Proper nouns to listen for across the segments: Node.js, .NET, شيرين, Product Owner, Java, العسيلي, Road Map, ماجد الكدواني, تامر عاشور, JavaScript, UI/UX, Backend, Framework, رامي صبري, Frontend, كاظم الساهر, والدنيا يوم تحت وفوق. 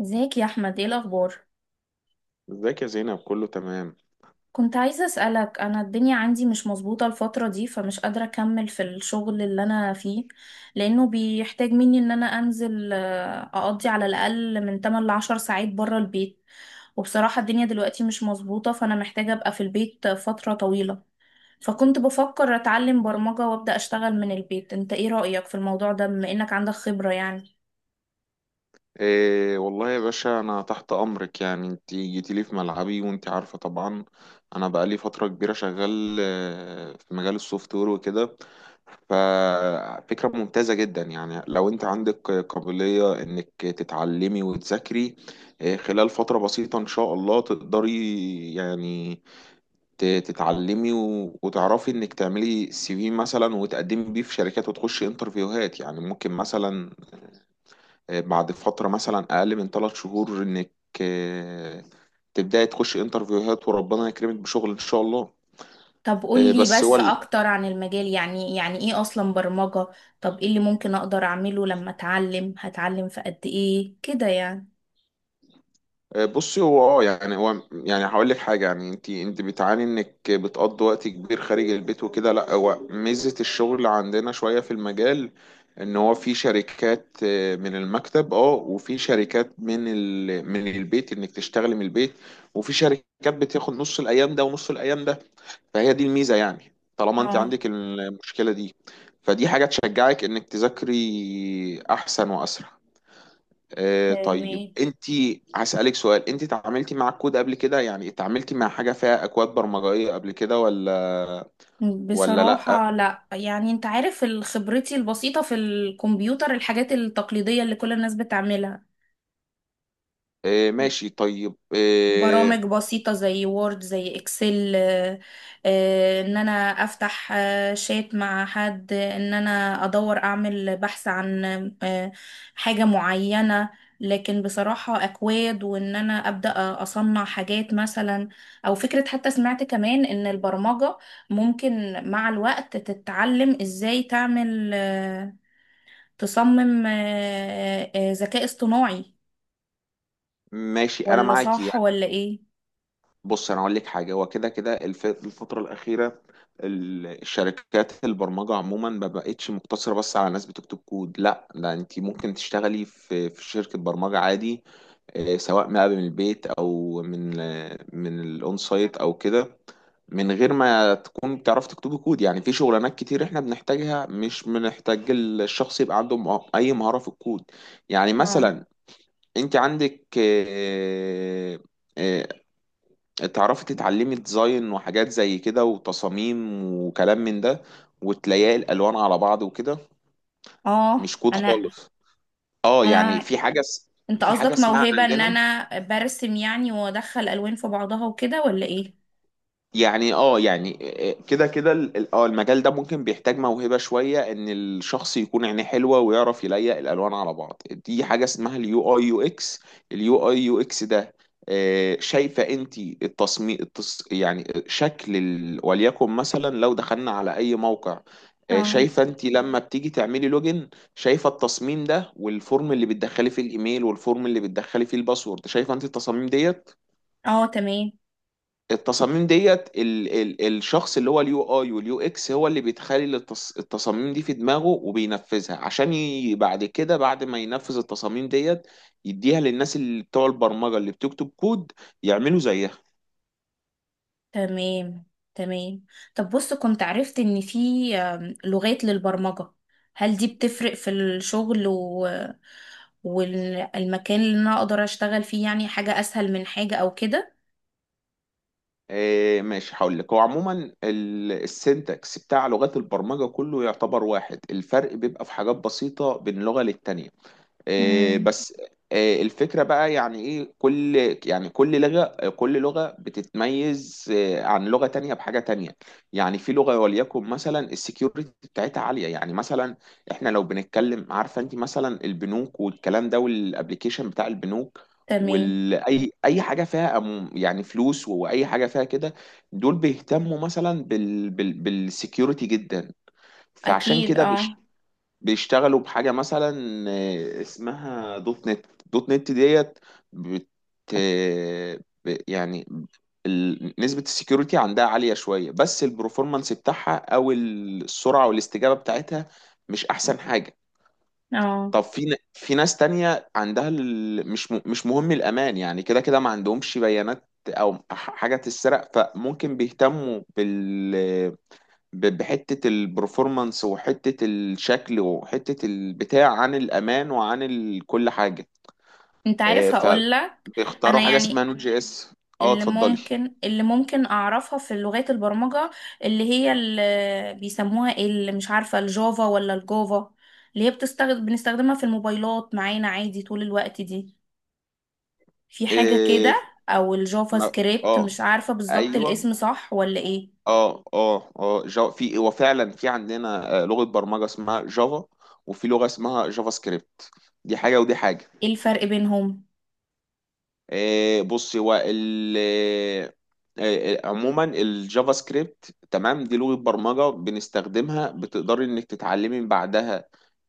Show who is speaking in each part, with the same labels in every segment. Speaker 1: ازيك يا احمد، ايه الاخبار؟
Speaker 2: ازيك يا زينب، كله تمام.
Speaker 1: كنت عايزه اسالك. انا الدنيا عندي مش مظبوطه الفتره دي، فمش قادره اكمل في الشغل اللي انا فيه لانه بيحتاج مني ان انا انزل، اقضي على الاقل من 8 ل 10 ساعات بره البيت. وبصراحه الدنيا دلوقتي مش مظبوطه، فانا محتاجه ابقى في البيت فتره طويله. فكنت بفكر اتعلم برمجه وابدا اشتغل من البيت. انت ايه رايك في الموضوع ده، بما انك عندك خبره يعني؟
Speaker 2: إيه والله يا باشا، انا تحت امرك. يعني انت جيتي لي في ملعبي وانت عارفه طبعا. انا بقالي فتره كبيره شغال في مجال السوفت وير وكده. ففكره ممتازه جدا، يعني لو انت عندك قابليه انك تتعلمي وتذاكري خلال فتره بسيطه ان شاء الله تقدري يعني تتعلمي وتعرفي انك تعملي سي في مثلا، وتقدمي بيه في شركات وتخشي انترفيوهات. يعني ممكن مثلا بعد فترة مثلا أقل من 3 شهور إنك آه، تبدأي تخش انترفيوهات وربنا يكرمك بشغل إن شاء الله.
Speaker 1: طب قولي
Speaker 2: بس هو
Speaker 1: بس اكتر عن المجال، يعني ايه اصلا برمجة؟ طب ايه اللي ممكن اقدر اعمله لما اتعلم؟ هتعلم في قد ايه كده يعني؟
Speaker 2: بصي، هو يعني هو يعني هقول لك حاجة. يعني انت بتعاني انك بتقضي وقت كبير خارج البيت وكده. لا، هو ميزة الشغل عندنا شوية في المجال، ان هو في شركات من المكتب، وفي شركات من من البيت انك تشتغلي من البيت، وفي شركات بتاخد نص الايام ده ونص الايام ده. فهي دي الميزة. يعني طالما انت
Speaker 1: اه،
Speaker 2: عندك المشكلة دي، فدي حاجة تشجعك انك تذاكري احسن واسرع. طيب،
Speaker 1: تمام.
Speaker 2: انت هسألك سؤال. انت اتعاملتي مع الكود قبل كده؟ يعني اتعاملتي مع حاجة فيها اكواد برمجية قبل كده ولا؟ ولا لا.
Speaker 1: بصراحة لا، يعني انت عارف، خبرتي البسيطة في الكمبيوتر الحاجات التقليدية اللي كل الناس بتعملها،
Speaker 2: ماشي، طيب.
Speaker 1: برامج بسيطة زي وورد زي اكسل. ان انا افتح شات مع حد، ان انا ادور اعمل بحث عن آه، حاجة معينة. لكن بصراحة اكواد، وان انا ابدأ اصنع حاجات مثلا، او فكرة. حتى سمعت كمان ان البرمجة ممكن مع الوقت تتعلم ازاي تعمل، تصمم ذكاء اصطناعي،
Speaker 2: ماشي، انا
Speaker 1: ولا
Speaker 2: معاكي.
Speaker 1: صح ولا ايه؟
Speaker 2: بص انا اقول لك حاجه، هو كده كده الفتره الاخيره الشركات البرمجه عموما ما بقتش مقتصره بس على ناس بتكتب كود. لا، ده انت ممكن تشتغلي في شركه برمجه عادي، سواء بقى من البيت او من الاون سايت او كده، من غير ما تكون بتعرف تكتب كود. يعني في شغلانات كتير احنا بنحتاجها مش بنحتاج الشخص يبقى عنده اي مهارة في الكود. يعني
Speaker 1: اه،
Speaker 2: مثلا انت عندك آه، تعرفي تتعلمي ديزاين وحاجات زي كده وتصاميم وكلام من ده، وتلاقي الالوان على بعض وكده،
Speaker 1: اه،
Speaker 2: مش كود
Speaker 1: انا
Speaker 2: خالص. اه يعني
Speaker 1: انا
Speaker 2: في حاجه
Speaker 1: انت
Speaker 2: في حاجه
Speaker 1: قصدك
Speaker 2: اسمها
Speaker 1: موهبة ان
Speaker 2: عندنا.
Speaker 1: انا برسم يعني، وادخل الوان في بعضها وكده، ولا ايه؟
Speaker 2: يعني يعني كده كده المجال ده ممكن بيحتاج موهبة شوية، ان الشخص يكون عينيه حلوة ويعرف يليق الالوان على بعض. دي حاجة اسمها اليو اي يو اكس. اليو اي يو اكس ده، شايفة انت التصميم، يعني شكل وليكن مثلا لو دخلنا على اي موقع،
Speaker 1: اه،
Speaker 2: شايفة انت لما بتيجي تعملي لوجن، شايفة التصميم ده والفورم اللي بتدخلي فيه الايميل والفورم اللي بتدخلي فيه الباسورد، شايفة انت التصاميم ديت؟
Speaker 1: اه، تمام،
Speaker 2: التصاميم ديت، ال الشخص اللي هو اليو اي واليو اكس هو اللي بيتخيل التصاميم دي في دماغه، وبينفذها عشان بعد كده، بعد ما ينفذ التصاميم ديت، يديها للناس اللي بتوع البرمجة اللي بتكتب كود يعملوا زيها.
Speaker 1: تمام، تمام. طب بص، كنت عرفت ان في لغات للبرمجة. هل دي بتفرق في الشغل والمكان اللي انا اقدر اشتغل فيه؟ يعني حاجة اسهل من حاجة او كده.
Speaker 2: ماشي، هقول لك. هو عموما السنتكس بتاع لغات البرمجة كله يعتبر واحد. الفرق بيبقى في حاجات بسيطة بين لغة للتانية، آه،
Speaker 1: امم
Speaker 2: بس آه، الفكرة بقى يعني ايه. يعني كل لغة كل لغة بتتميز عن لغة تانية بحاجة تانية. يعني في لغة، وليكن مثلا السكيورتي بتاعتها عالية. يعني مثلا احنا لو بنتكلم، عارفة انت مثلا البنوك والكلام ده والابليكيشن بتاع البنوك
Speaker 1: تمام،
Speaker 2: واي حاجه فيها يعني فلوس، واي حاجه فيها كده، دول بيهتموا مثلا بالسكيورتي جدا. فعشان
Speaker 1: اكيد.
Speaker 2: كده
Speaker 1: اه،
Speaker 2: بيشتغلوا بحاجة مثلا اسمها دوت نت. دوت نت ديت بت آه، يعني نسبة السكيورتي عندها عالية شوية، بس البروفورمانس بتاعها أو السرعة والاستجابة بتاعتها مش أحسن حاجة.
Speaker 1: اه،
Speaker 2: طب في في ناس تانية عندها مش مهم الأمان. يعني كده كده ما عندهمش بيانات أو حاجة تتسرق، فممكن بيهتموا بحتة البرفورمانس وحتة الشكل وحتة البتاع عن الأمان وعن كل حاجة.
Speaker 1: انت
Speaker 2: آه،
Speaker 1: عارف هقولك،
Speaker 2: فبيختاروا
Speaker 1: انا
Speaker 2: حاجة اسمها
Speaker 1: يعني،
Speaker 2: نوت جي اس. اه
Speaker 1: اللي
Speaker 2: اتفضلي.
Speaker 1: ممكن اللي ممكن اعرفها في لغات البرمجة، اللي هي اللي بيسموها إيه، اللي مش عارفة، الجافا ولا الجافا اللي هي بتستخدم بنستخدمها في الموبايلات معانا عادي طول الوقت دي؟ في حاجة
Speaker 2: آه،
Speaker 1: كده؟ او الجافا
Speaker 2: ما-
Speaker 1: سكريبت؟
Speaker 2: اه
Speaker 1: مش عارفة بالظبط
Speaker 2: ايوه.
Speaker 1: الاسم صح ولا ايه؟
Speaker 2: وفعلا في عندنا لغة برمجة اسمها جافا، وفي لغة اسمها جافا سكريبت. دي حاجة ودي حاجة.
Speaker 1: ايه الفرق بينهم؟
Speaker 2: بص هو ال آه، آه، عموما الجافا سكريبت تمام، دي لغة برمجة بنستخدمها. بتقدري انك تتعلمي من بعدها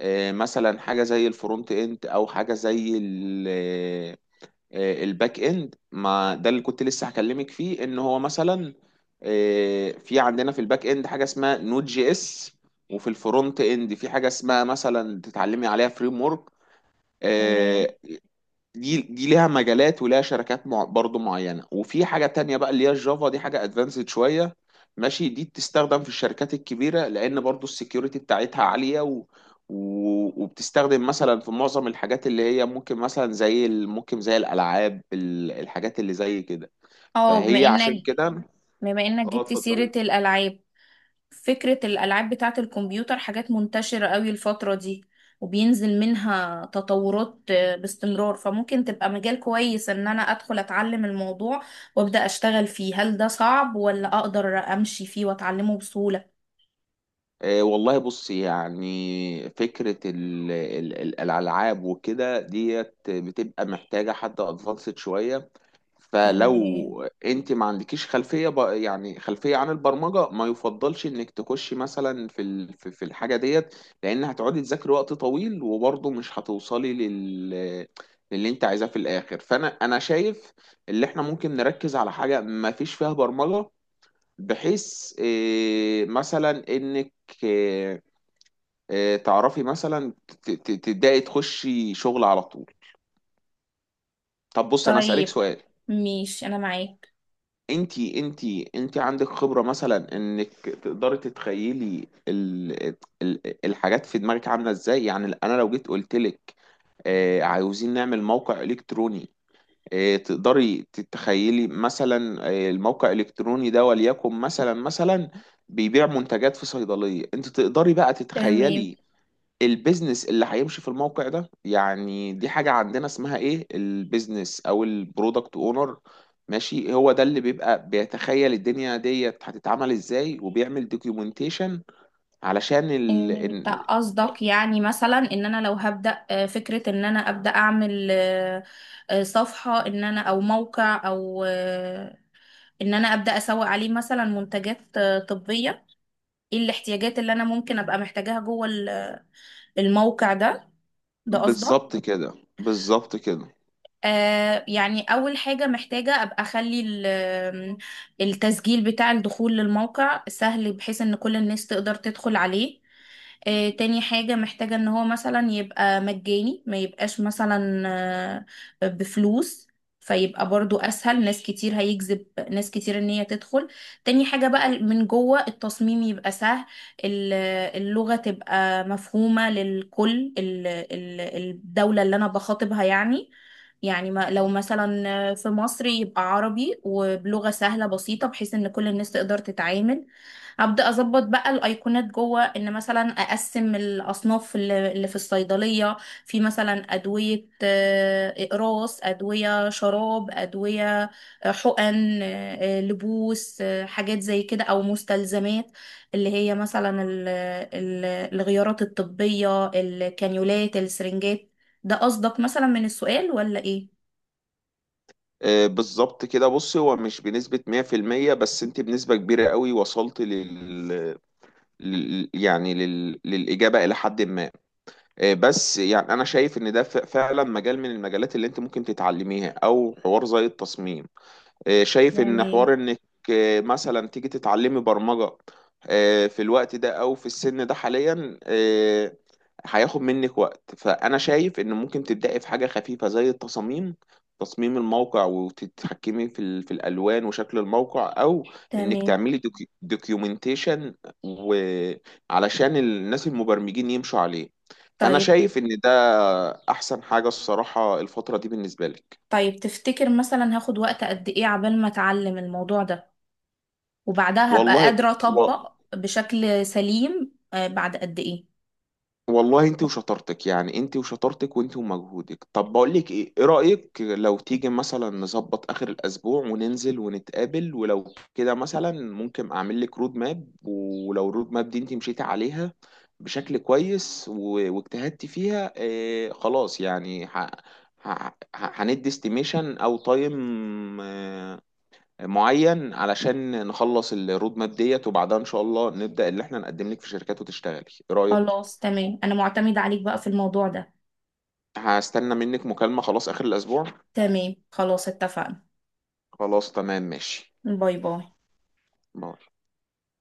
Speaker 2: مثلا حاجة زي الفرونت اند او حاجة زي الباك اند. ما ده اللي كنت لسه هكلمك فيه، ان هو مثلا في عندنا في الباك اند حاجة اسمها نود جي اس، وفي الفرونت اند في حاجة اسمها مثلا تتعلمي عليها فريم ورك.
Speaker 1: تمام.
Speaker 2: دي ليها مجالات وليها شركات مع برضو معينة. وفي حاجة تانية بقى اللي هي الجافا، دي حاجة ادفانسد شوية، ماشي. دي بتستخدم في الشركات الكبيرة لأن برضو السكيورتي بتاعتها عالية، و... و... وبتستخدم مثلا في معظم الحاجات اللي هي ممكن مثلا زي ممكن زي الألعاب، الحاجات اللي زي كده،
Speaker 1: اه، بما
Speaker 2: فهي عشان
Speaker 1: انك
Speaker 2: كده.
Speaker 1: بما انك
Speaker 2: اه
Speaker 1: جبت سيرة
Speaker 2: اتفضلي.
Speaker 1: الالعاب، فكرة الألعاب بتاعة الكمبيوتر حاجات منتشرة قوي الفترة دي، وبينزل منها تطورات باستمرار. فممكن تبقى مجال كويس إن أنا أدخل أتعلم الموضوع وأبدأ أشتغل فيه. هل ده صعب، ولا أقدر أمشي فيه وأتعلمه بسهولة؟
Speaker 2: والله، بص، يعني فكرة الألعاب وكده ديت بتبقى محتاجة حد ادفانسد شوية.
Speaker 1: تمام.
Speaker 2: فلو انت ما عندكيش خلفيه يعني خلفيه عن البرمجه، ما يفضلش انك تخشي مثلا في ال... في في الحاجه ديت، لان هتقعدي تذاكري وقت طويل وبرضه مش هتوصلي للي انت عايزاه في الاخر. فانا شايف اللي احنا ممكن نركز على حاجه ما فيش فيها برمجه، بحيث مثلا انك إيه إيه تعرفي مثلا تبداي تخشي شغل على طول. طب بص انا اسالك
Speaker 1: طيب،
Speaker 2: سؤال،
Speaker 1: مش أنا معاك.
Speaker 2: انتي عندك خبرة مثلا انك تقدري تتخيلي ال الحاجات في دماغك عاملة ازاي؟ يعني انا لو جيت قلت لك عاوزين نعمل موقع الكتروني، تقدري تتخيلي مثلا الموقع الالكتروني ده، وليكن مثلا بيبيع منتجات في صيدلية، انت تقدري بقى
Speaker 1: تمام،
Speaker 2: تتخيلي البيزنس اللي هيمشي في الموقع ده؟ يعني دي حاجة عندنا اسمها ايه، البيزنس او البرودكت اونر. ماشي، هو ده اللي بيبقى بيتخيل الدنيا ديت هتتعمل ازاي، وبيعمل دوكيومنتيشن علشان
Speaker 1: انت
Speaker 2: إن-
Speaker 1: قصدك يعني مثلا ان انا لو هبدأ فكرة، ان انا ابدأ اعمل صفحة، ان انا او موقع، او ان انا ابدا اسوق عليه مثلا منتجات طبيه، ايه الاحتياجات اللي انا ممكن ابقى محتاجاها جوه الموقع ده؟ ده قصدك؟
Speaker 2: بالظبط كده. بالظبط كده.
Speaker 1: آه، يعني أول حاجة محتاجة أبقى أخلي التسجيل بتاع الدخول للموقع سهل، بحيث إن كل الناس تقدر تدخل عليه. آه، تاني حاجة محتاجة إن هو مثلا يبقى مجاني، ما يبقاش مثلا آه بفلوس، فيبقى برضو أسهل، ناس كتير هيجذب، ناس كتير إن هي تدخل. تاني حاجة بقى، من جوه التصميم يبقى سهل. ال- اللغة تبقى مفهومة للكل، الدولة اللي أنا بخاطبها يعني. يعني ما لو مثلا في مصر، يبقى عربي وبلغة سهلة بسيطة بحيث ان كل الناس تقدر تتعامل. هبدأ اظبط بقى الايقونات جوه، ان مثلا اقسم الاصناف اللي في الصيدلية. في مثلا ادوية، اقراص ادوية، شراب ادوية، حقن، لبوس، حاجات زي كده، او مستلزمات اللي هي مثلا الغيارات الطبية، الكانيولات، السرنجات. ده قصدك مثلا من السؤال، ولا ايه؟
Speaker 2: بالظبط كده. بص، هو مش بنسبة 100%، بس انت بنسبة كبيرة قوي وصلت يعني للإجابة، إلى حد ما. إيه، بس يعني انا شايف ان ده فعلا مجال من المجالات اللي انت ممكن تتعلميها، او حوار زي التصميم. إيه، شايف ان حوار
Speaker 1: تمام،
Speaker 2: انك، إيه، مثلا تيجي تتعلمي برمجة، إيه، في الوقت ده او في السن ده حاليا هياخد منك وقت. فانا شايف ان ممكن تبداي في حاجه خفيفه زي التصاميم، تصميم الموقع، وتتحكمي في في الالوان وشكل الموقع، او انك
Speaker 1: تمام.
Speaker 2: تعملي دوكيومنتيشن وعلشان الناس المبرمجين يمشوا عليه. فانا
Speaker 1: طيب.
Speaker 2: شايف ان ده احسن حاجه الصراحه الفتره دي بالنسبه لك.
Speaker 1: طيب، تفتكر مثلا هاخد وقت قد ايه عبال ما اتعلم الموضوع ده، وبعدها هبقى
Speaker 2: والله
Speaker 1: قادرة
Speaker 2: و...
Speaker 1: اطبق بشكل سليم بعد قد ايه؟
Speaker 2: والله، انت وشطارتك. يعني انت وشطارتك وانت ومجهودك. طب بقول لك ايه رأيك لو تيجي مثلا نظبط اخر الاسبوع وننزل ونتقابل؟ ولو كده مثلا ممكن اعمل لك رود ماب، ولو الرود ماب دي انت مشيتي عليها بشكل كويس و- واجتهدتي فيها، خلاص، يعني هندي استيميشن او تايم اه معين علشان نخلص الرود ماب ديت، وبعدها ان شاء الله نبدأ اللي احنا نقدم لك في شركات وتشتغلي. ايه رأيك؟
Speaker 1: خلاص، تمام، انا معتمدة عليك بقى في الموضوع ده.
Speaker 2: هستنى منك مكالمة خلاص آخر الأسبوع.
Speaker 1: تمام، خلاص، اتفقنا.
Speaker 2: خلاص تمام ماشي.
Speaker 1: باي باي.